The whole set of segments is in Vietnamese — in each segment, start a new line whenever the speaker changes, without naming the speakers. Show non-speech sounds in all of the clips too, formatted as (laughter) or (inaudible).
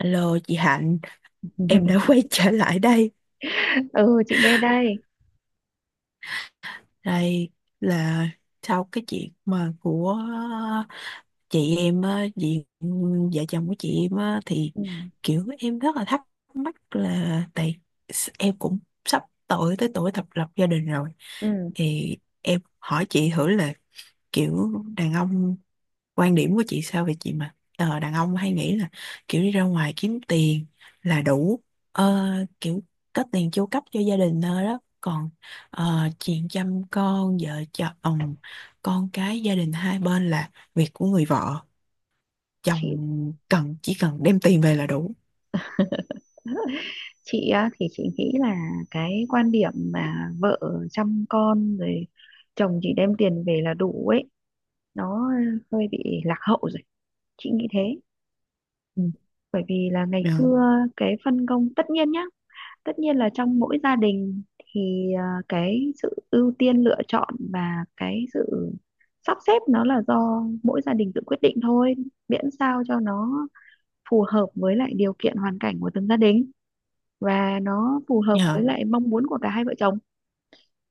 Alo chị Hạnh, em đã (laughs) quay
(laughs)
trở lại đây.
Ừ, chị nghe đây.
Đây là sau cái chuyện mà của chị em, á, chị vợ chồng của chị em á, thì
Ừ,
kiểu em rất là thắc mắc là tại em cũng sắp tuổi tới tuổi thập lập gia đình rồi
ừ.
thì em hỏi chị thử là kiểu đàn ông quan điểm của chị sao về chị mà đàn ông hay nghĩ là kiểu đi ra ngoài kiếm tiền là đủ, ờ, kiểu có tiền chu cấp cho gia đình thôi đó, còn chuyện chăm con vợ chồng con cái gia đình hai bên là việc của người vợ, chồng
chị
cần chỉ cần đem tiền về là đủ.
chị á, thì chị nghĩ là cái quan điểm mà vợ chăm con rồi chồng chỉ đem tiền về là đủ ấy, nó hơi bị lạc hậu rồi, chị nghĩ thế.
Ừ.
Bởi vì là ngày
Dạ.
xưa cái phân công tất nhiên nhá, tất nhiên là trong mỗi gia đình thì cái sự ưu tiên lựa chọn và cái sự sắp xếp nó là do mỗi gia đình tự quyết định thôi, miễn sao cho nó phù hợp với lại điều kiện hoàn cảnh của từng gia đình, và nó phù hợp
Dạ.
với lại mong muốn của cả hai vợ chồng.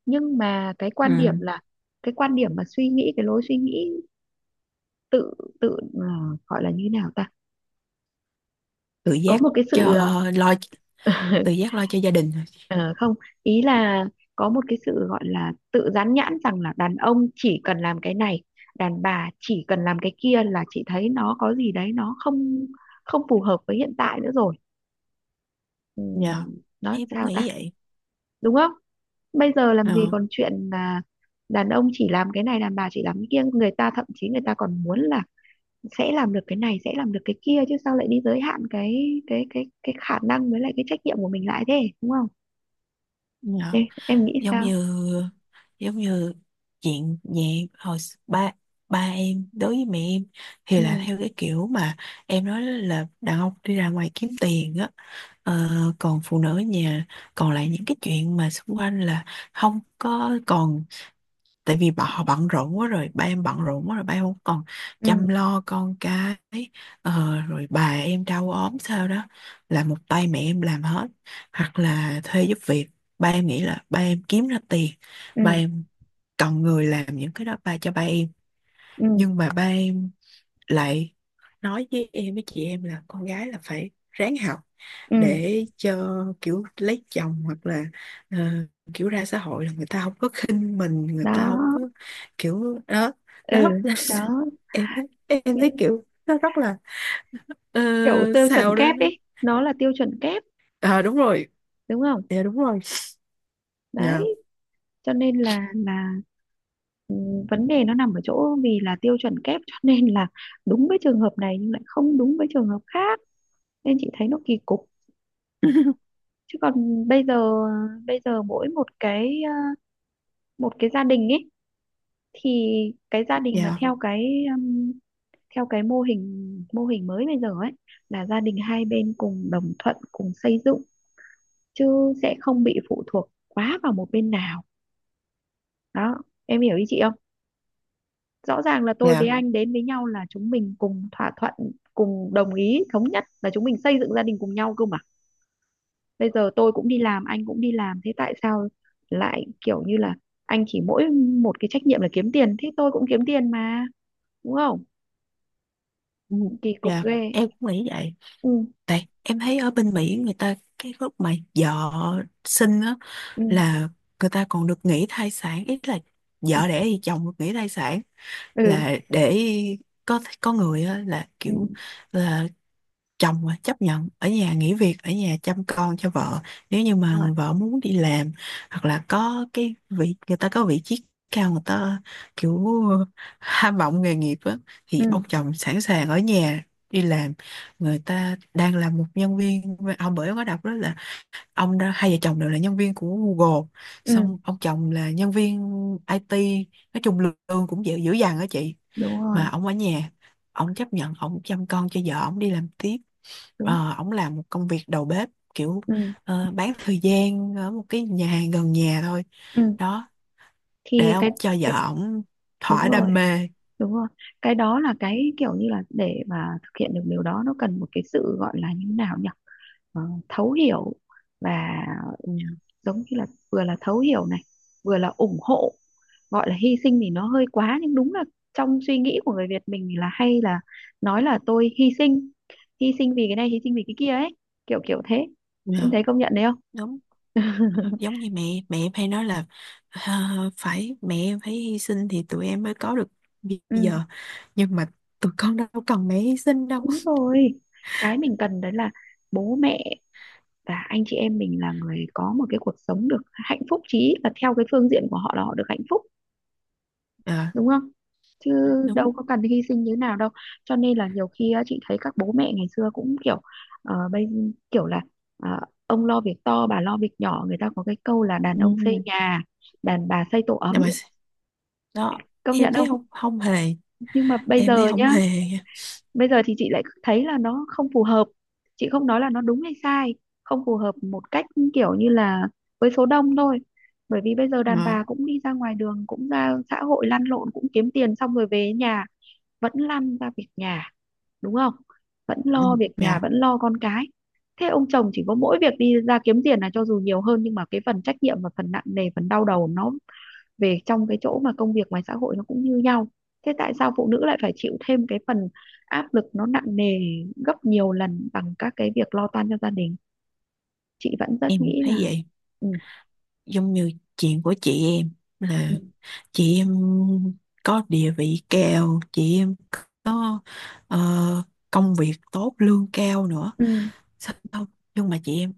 Nhưng mà cái quan điểm
Ừ.
là cái quan điểm mà suy nghĩ, cái lối suy nghĩ tự tự ờ, gọi là như thế nào ta,
Tự
có
giác
một cái
cho
sự
lo, tự
(laughs)
giác lo cho gia đình.
Ờ, không, ý là có một cái sự gọi là tự dán nhãn rằng là đàn ông chỉ cần làm cái này, đàn bà chỉ cần làm cái kia là chị thấy nó có gì đấy, nó không không phù hợp với hiện tại nữa rồi. Ừ,
Dạ.
nó
Em cũng
sao ta,
nghĩ vậy.
đúng không? Bây giờ làm gì
Ờ.
còn chuyện là đàn ông chỉ làm cái này, đàn bà chỉ làm cái kia. Người ta thậm chí người ta còn muốn là sẽ làm được cái này, sẽ làm được cái kia, chứ sao lại đi giới hạn cái khả năng với lại cái trách nhiệm của mình lại thế, đúng không?
Dạ.
Em nghĩ
Giống
sao?
như, giống như chuyện nhẹ hồi ba, ba em đối với mẹ em thì
Ừ,
là theo cái kiểu mà em nói là đàn ông đi ra ngoài kiếm tiền á. Ờ, Còn phụ nữ ở nhà, còn lại những cái chuyện mà xung quanh là không có, còn tại vì bà họ bận rộn quá rồi, ba em bận rộn quá rồi, ba em không còn chăm
ừ,
lo con cái, rồi bà em đau ốm sao đó, là một tay mẹ em làm hết hoặc là thuê giúp việc. Ba em nghĩ là ba em kiếm ra tiền,
ừ,
ba em cần người làm những cái đó ba cho ba em.
ừ,
Nhưng mà ba em lại nói với em với chị em là con gái là phải ráng học
ừ,
để cho kiểu lấy chồng hoặc là ờ, kiểu ra xã hội là người ta không có khinh mình, người ta
đó.
không có kiểu đó.
Ừ,
Đó (laughs)
đó.
Nên em thấy, em thấy
Những
kiểu nó rất là, ờ,
kiểu tiêu chuẩn
sao đó
kép
nó,
ấy, nó là tiêu chuẩn kép,
à đúng rồi.
đúng không?
Dạ, đúng rồi. Dạ.
Đấy, cho nên là vấn đề nó nằm ở chỗ vì là tiêu chuẩn kép, cho nên là đúng với trường hợp này nhưng lại không đúng với trường hợp khác, nên chị thấy nó kỳ cục.
(laughs)
Chứ còn bây giờ, bây giờ mỗi một cái một cái gia đình ấy, thì cái gia đình mà
dạ.
theo cái mô hình, mô hình mới bây giờ ấy, là gia đình hai bên cùng đồng thuận cùng xây dựng, chứ sẽ không bị phụ thuộc quá vào một bên nào đó. Em hiểu ý chị không? Rõ ràng là tôi với Ừ.
Dạ.
Anh đến với nhau là chúng mình cùng thỏa thuận, cùng đồng ý thống nhất là chúng mình xây dựng gia đình cùng nhau cơ mà. Bây giờ tôi cũng đi làm, anh cũng đi làm, thế tại sao lại kiểu như là anh chỉ mỗi một cái trách nhiệm là kiếm tiền, thế tôi cũng kiếm tiền mà, đúng không?
Ừ,
Kỳ cục
dạ,
ghê.
em cũng nghĩ vậy.
Ừ,
Tại em thấy ở bên Mỹ người ta cái lúc mà vợ sinh á,
ừ,
là người ta còn được nghỉ thai sản ít, là vợ đẻ thì chồng được nghỉ thai sản
ừ,
là để có người á, là
ừ,
kiểu là chồng mà chấp nhận ở nhà, nghỉ việc ở nhà chăm con cho vợ nếu như
đúng
mà
rồi.
người vợ muốn đi làm. Hoặc là có cái vị, người ta có vị trí cao, người ta kiểu ham vọng nghề nghiệp á, thì
Ừ,
ông chồng sẵn sàng ở nhà đi làm. Người ta đang là một nhân viên ông, bởi ông có đọc đó là ông đó hai vợ chồng đều là nhân viên của Google.
ừ,
Xong ông chồng là nhân viên IT, nói chung lương cũng dữ, dữ dằn á chị.
đúng
Mà
rồi.
ông ở nhà, ông chấp nhận ông chăm con cho vợ, ông đi làm tiếp.
Đúng.
Ông làm một công việc đầu bếp kiểu
Ừ,
bán thời gian ở một cái nhà hàng gần nhà thôi.
ừ,
Đó, để
thì
ông cho vợ
cái
ông
đúng
thỏa
rồi,
đam mê.
đúng rồi. Cái đó là cái kiểu như là để mà thực hiện được điều đó, nó cần một cái sự, gọi là như nào nhỉ, ờ, thấu hiểu và
Dạ,
giống như là vừa là thấu hiểu này, vừa là ủng hộ, gọi là hy sinh thì nó hơi quá, nhưng đúng là trong suy nghĩ của người Việt mình thì là hay là nói là tôi hy sinh, hy sinh vì cái này, hy sinh vì cái kia ấy, kiểu kiểu thế. Em
dạ,
thấy công nhận đấy không?
đúng.
(laughs)
Giống như mẹ, mẹ em hay nói là "Ờ, phải mẹ em phải hy sinh thì tụi em mới có được bây
Ừ,
giờ, nhưng mà tụi con đâu cần mẹ hy sinh đâu".
đúng rồi. Cái mình cần đấy là bố mẹ và anh chị em mình là người có một cái cuộc sống được hạnh phúc, chí ít là theo cái phương diện của họ là họ được hạnh phúc,
Ờ,
đúng không? Chứ
đúng.
đâu có cần hy sinh như nào đâu. Cho nên là nhiều khi á, chị thấy các bố mẹ ngày xưa cũng kiểu bây, kiểu là ờ, ông lo việc to, bà lo việc nhỏ. Người ta có cái câu là đàn
Ừ.
ông xây nhà, đàn bà xây tổ
Nhưng
ấm,
mà đó,
công
em
nhận
thấy
không?
không, không hề,
Nhưng mà bây
em thấy
giờ
không
nhá,
hề nha.
bây giờ thì chị lại thấy là nó không phù hợp. Chị không nói là nó đúng hay sai, không phù hợp một cách kiểu như là với số đông thôi. Bởi vì bây giờ đàn
Ờ.
bà cũng đi ra ngoài đường, cũng ra xã hội lăn lộn, cũng kiếm tiền, xong rồi về nhà vẫn lăn ra việc nhà, đúng không? Vẫn
Ừ.
lo việc nhà,
Dạ,
vẫn lo con cái. Thế ông chồng chỉ có mỗi việc đi ra kiếm tiền, là cho dù nhiều hơn nhưng mà cái phần trách nhiệm và phần nặng nề, phần đau đầu nó về trong cái chỗ mà công việc ngoài xã hội nó cũng như nhau. Thế tại sao phụ nữ lại phải chịu thêm cái phần áp lực nó nặng nề gấp nhiều lần bằng các cái việc lo toan cho gia đình? Chị vẫn rất
em
nghĩ là,
thấy vậy.
ừ,
Giống như chuyện của chị em là
ừ,
chị em có địa vị cao, chị em có ờ, công việc tốt, lương cao nữa.
ừ,
Sao không? Nhưng mà chị em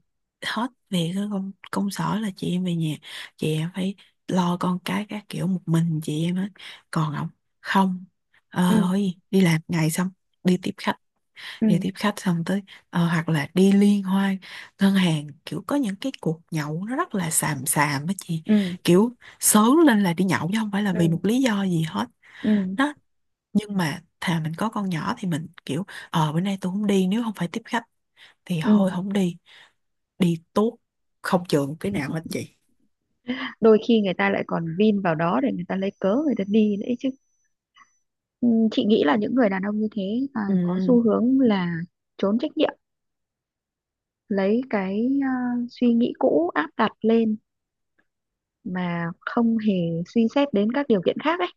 hết việc cái công công sở là chị em về nhà, chị em phải lo con cái các kiểu một mình chị em hết. Còn ông không. Ờ thôi gì, đi làm ngày xong đi tiếp khách,
ừ,
đi tiếp khách xong tới hoặc là đi liên hoan ngân hàng, kiểu có những cái cuộc nhậu nó rất là xàm xàm á chị.
ừ,
Kiểu sớm lên là đi nhậu chứ không phải là
ừ,
vì
ừ,
một lý do gì hết.
ừ,
Đó, nhưng mà thà mình có con nhỏ thì mình kiểu ờ bữa nay tôi không đi, nếu không phải tiếp khách thì thôi
ừ.
không đi, đi tốt, không chừa cái nào hết chị.
Đôi khi người ta lại còn vin vào đó để người ta lấy cớ người ta đi đấy chứ. Ừ, chị nghĩ là những người đàn ông như thế
Ừ.
có xu hướng là trốn trách nhiệm, lấy cái suy nghĩ cũ áp đặt lên mà không hề suy xét đến các điều kiện khác ấy.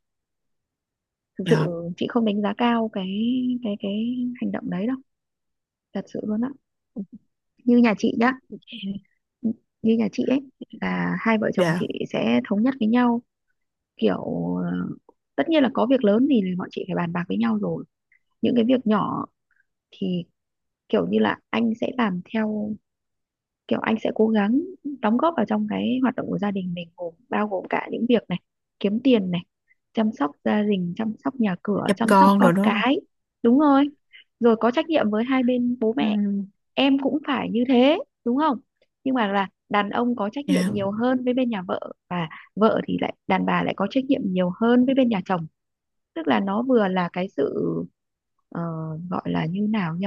Thực sự
Dạ.
chị không đánh giá cao cái cái hành động đấy đâu, thật sự luôn á. Như nhà chị nhá, như nhà chị ấy là hai vợ chồng
Dạ.
chị sẽ thống nhất với nhau kiểu ờ, tất nhiên là có việc lớn thì bọn chị phải bàn bạc với nhau rồi. Những cái việc nhỏ thì kiểu như là anh sẽ làm theo kiểu anh sẽ cố gắng đóng góp vào trong cái hoạt động của gia đình mình, gồm bao gồm cả những việc này, kiếm tiền này, chăm sóc gia đình, chăm sóc nhà cửa,
Chăm
chăm sóc
con
con
rồi đúng không.
cái. Đúng rồi, rồi có trách nhiệm với hai bên bố mẹ.
Ừ.
Em cũng phải như thế, đúng không? Nhưng mà là đàn ông có trách nhiệm
Dạ.
nhiều hơn với bên nhà vợ, và vợ thì lại, đàn bà lại có trách nhiệm nhiều hơn với bên nhà chồng. Tức là nó vừa là cái sự ờ, gọi là như nào nhỉ,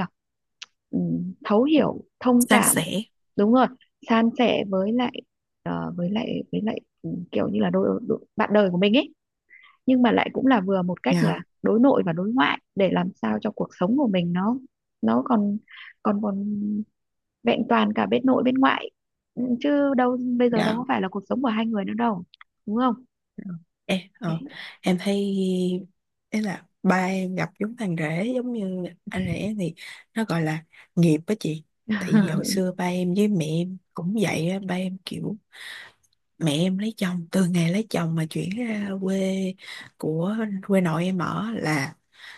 ừm, thấu hiểu thông
San
cảm,
sẻ.
đúng rồi, san sẻ với lại kiểu như là đôi, đôi, bạn đời của mình ấy, nhưng mà lại cũng là vừa một cách
Dạ.
là đối nội và đối ngoại để làm sao cho cuộc sống của mình nó còn còn còn vẹn toàn cả bên nội bên ngoại. Chứ đâu bây giờ đâu
Dạ.
có phải là cuộc sống của hai người nữa đâu, đúng không?
Em
Thế.
em thấy ý là ba em gặp giống thằng rể, giống như anh rể thì nó gọi là nghiệp á chị. Tại vì hồi
(laughs)
xưa ba em với mẹ em cũng vậy á, ba em kiểu mẹ em lấy chồng từ ngày lấy chồng mà chuyển ra quê, của quê nội em ở là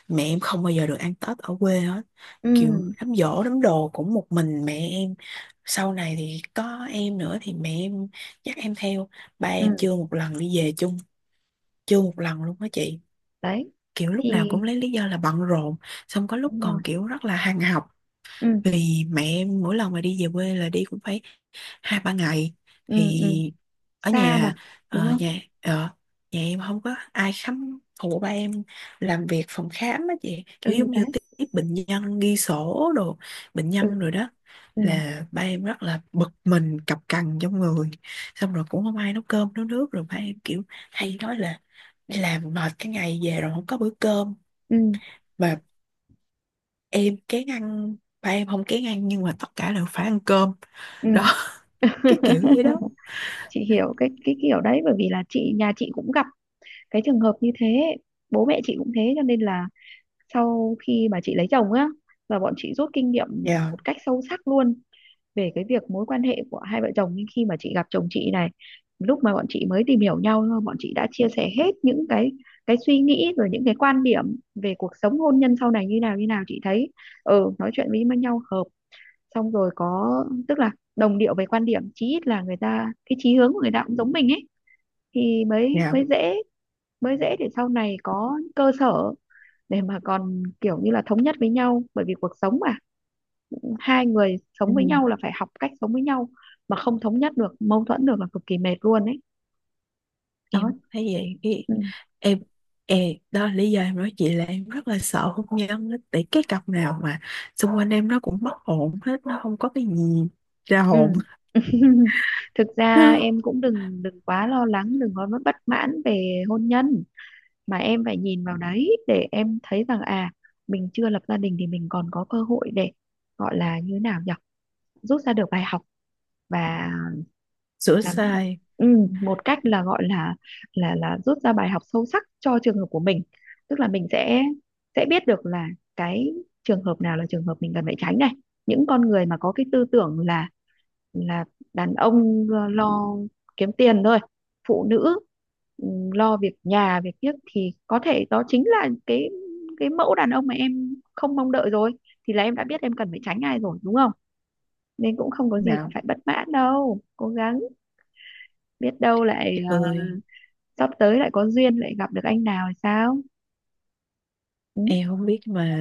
mẹ em không bao giờ được ăn Tết ở quê hết. Kiểu
Ừ,
đám giỗ đám đồ cũng một mình mẹ em, sau này thì có em nữa thì mẹ em dắt em theo, ba
ừ,
em chưa một lần đi về chung, chưa một lần luôn đó chị.
đấy,
Kiểu lúc
thì
nào cũng lấy lý do là bận rộn, xong có lúc
đúng rồi,
còn kiểu rất là hàng học.
ừ,
Vì mẹ em mỗi lần mà đi về quê là đi cũng phải hai ba ngày,
ừ, ừ,
thì ở
xa
nhà,
mà, đúng không,
nhà nhà em không có ai khám phụ ba em làm việc phòng khám á chị, kiểu
ừ,
giống
đấy,
như tiếp, tiếp bệnh nhân ghi sổ đồ bệnh
ừ,
nhân rồi đó,
ừ,
là ba em rất là bực mình cọc cằn trong người. Xong rồi cũng không ai nấu cơm nấu nước, rồi ba em kiểu hay nói là đi làm mệt cái ngày về rồi không có bữa cơm.
ừ,
Mà em kén ăn, ba em không kén ăn nhưng mà tất cả đều phải ăn cơm.
ừ.
Đó (laughs) cái kiểu vậy đó.
(laughs) Chị hiểu cái kiểu đấy, bởi vì là chị, nhà chị cũng gặp cái trường hợp như thế. Bố mẹ chị cũng thế, cho nên là sau khi mà chị lấy chồng á, là bọn chị rút kinh nghiệm
Dạ.
một cách sâu sắc luôn về cái việc mối quan hệ của hai vợ chồng. Nhưng khi mà chị gặp chồng chị này, lúc mà bọn chị mới tìm hiểu nhau thôi, bọn chị đã chia sẻ hết những cái suy nghĩ rồi những cái quan điểm về cuộc sống hôn nhân sau này như nào như nào, chị thấy ừ, nói chuyện với nhau hợp, xong rồi có, tức là đồng điệu về quan điểm, chí ít là người ta, cái chí hướng của người ta cũng giống mình ấy, thì mới
Dạ.
mới dễ, mới dễ để sau này có cơ sở để mà còn kiểu như là thống nhất với nhau. Bởi vì cuộc sống mà hai người
Ừ,
sống với nhau là phải học cách sống với nhau, mà không thống nhất được, mâu thuẫn được là cực kỳ mệt luôn ấy. Đó.
em thấy vậy. Ý,
Ừ.
em, ê, đó là lý do em nói chị là em rất là sợ hôn nhân á. Tại cái cặp nào mà xung quanh em nó cũng mất hồn hết, nó không có cái gì ra
Ừ.
hồn.
(laughs) Thực ra
Nó
em cũng đừng đừng quá lo lắng, đừng có bất mãn về hôn nhân, mà em phải nhìn vào đấy để em thấy rằng à, mình chưa lập gia đình thì mình còn có cơ hội để, gọi là như thế nào nhỉ, rút ra được bài học và
sửa
là
sai
ừ, một cách là gọi là là rút ra bài học sâu sắc cho trường hợp của mình. Tức là mình sẽ biết được là cái trường hợp nào là trường hợp mình cần phải tránh này. Những con người mà có cái tư tưởng là đàn ông lo lo kiếm tiền thôi, phụ nữ ừ, lo việc nhà việc tiếc, thì có thể đó chính là cái mẫu đàn ông mà em không mong đợi rồi, thì là em đã biết em cần phải tránh ai rồi, đúng không? Nên cũng không có gì mà
nào.
phải bất mãn đâu, cố gắng, biết đâu lại
Trời ơi,
sắp tới lại có duyên lại gặp được anh nào thì sao. Ừ,
em không biết mà.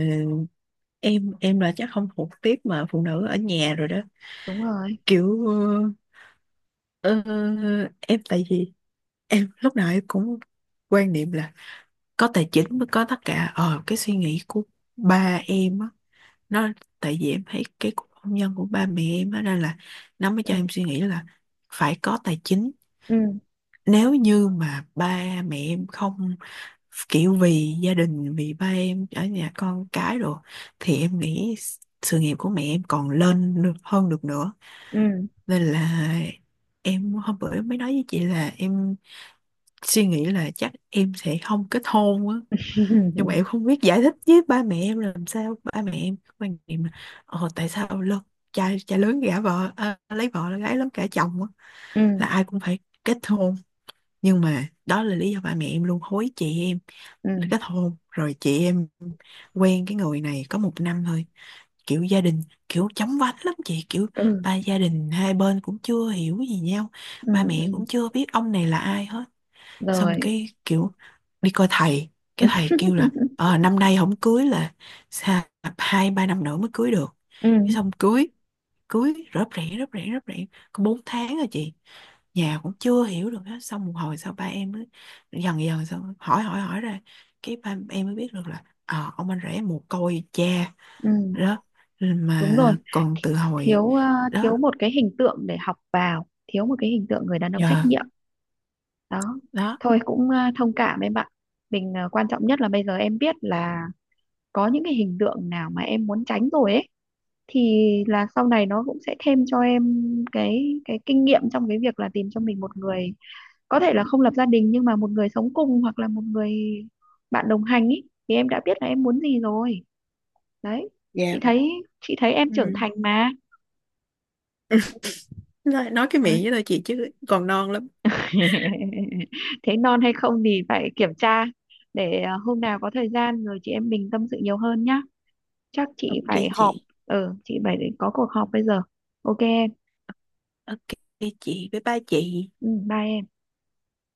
Em là chắc không thuộc tiếp mà phụ nữ ở nhà rồi đó.
đúng rồi,
Kiểu Ờ, em tại vì em lúc nào em cũng quan niệm là có tài chính mới có tất cả. Ờ cái suy nghĩ của ba em á nó, tại vì em thấy cái cuộc hôn nhân của ba mẹ em á nên là nó mới
ừ,
cho em suy nghĩ là phải có tài chính.
ừ,
Nếu như mà ba mẹ em không kiểu vì gia đình, vì ba em ở nhà con cái rồi, thì em nghĩ sự nghiệp của mẹ em còn lên được hơn được nữa.
ừ,
Nên là em hôm bữa em mới nói với chị là em suy nghĩ là chắc em sẽ không kết hôn á. Nhưng mà
(laughs)
em không biết giải thích với ba mẹ em làm sao, ba mẹ em có quan niệm là ờ tại sao lớn, cha cha lớn gả vợ, à, lấy vợ là gái lớn gả chồng á,
ừ,
là ai cũng phải kết hôn. Nhưng mà đó là lý do ba mẹ em luôn hối chị em
ừ,
kết hôn, rồi chị em quen cái người này có một năm thôi, kiểu gia đình kiểu chóng vánh lắm chị, kiểu
ừ,
ba gia đình hai bên cũng chưa hiểu gì nhau,
ừ,
ba mẹ
ừ.
cũng chưa biết ông này là ai hết. Xong
Rồi.
cái kiểu đi coi thầy, cái thầy kêu là
(laughs)
ờ năm nay không cưới là sao, hai ba năm nữa mới cưới được.
Ừ,
Cái xong cưới, cưới rớp rẻ rớp rẻ rớp rẻ có bốn tháng rồi chị, nhà cũng chưa hiểu được hết. Xong một hồi sau ba em mới dần dần xong hỏi, hỏi hỏi ra cái ba em mới biết được là ờ, ông anh rể mồ côi cha.
ừ,
Đó,
đúng
mà
rồi,
còn từ hồi
thiếu
đó
thiếu một cái hình tượng để học vào, thiếu một cái hình tượng người đàn ông trách
giờ.
nhiệm. Đó,
Đó.
thôi cũng thông cảm em ạ. Mình quan trọng nhất là bây giờ em biết là có những cái hình tượng nào mà em muốn tránh rồi ấy, thì là sau này nó cũng sẽ thêm cho em cái kinh nghiệm trong cái việc là tìm cho mình một người, có thể là không lập gia đình nhưng mà một người sống cùng, hoặc là một người bạn đồng hành ý, thì em đã biết là em muốn gì rồi. Đấy, chị thấy, chị thấy em trưởng
Ừ.
thành mà.
Nói cái miệng
Ơi.
với tôi chị chứ còn non lắm.
(laughs) Thế non hay không thì phải kiểm tra. Để hôm nào có thời gian rồi chị em mình tâm sự nhiều hơn nhá. Chắc chị
OK
phải họp,
chị.
ừ, chị phải có cuộc họp bây giờ. OK em.
OK chị, bye bye chị.
Ừ, bye em.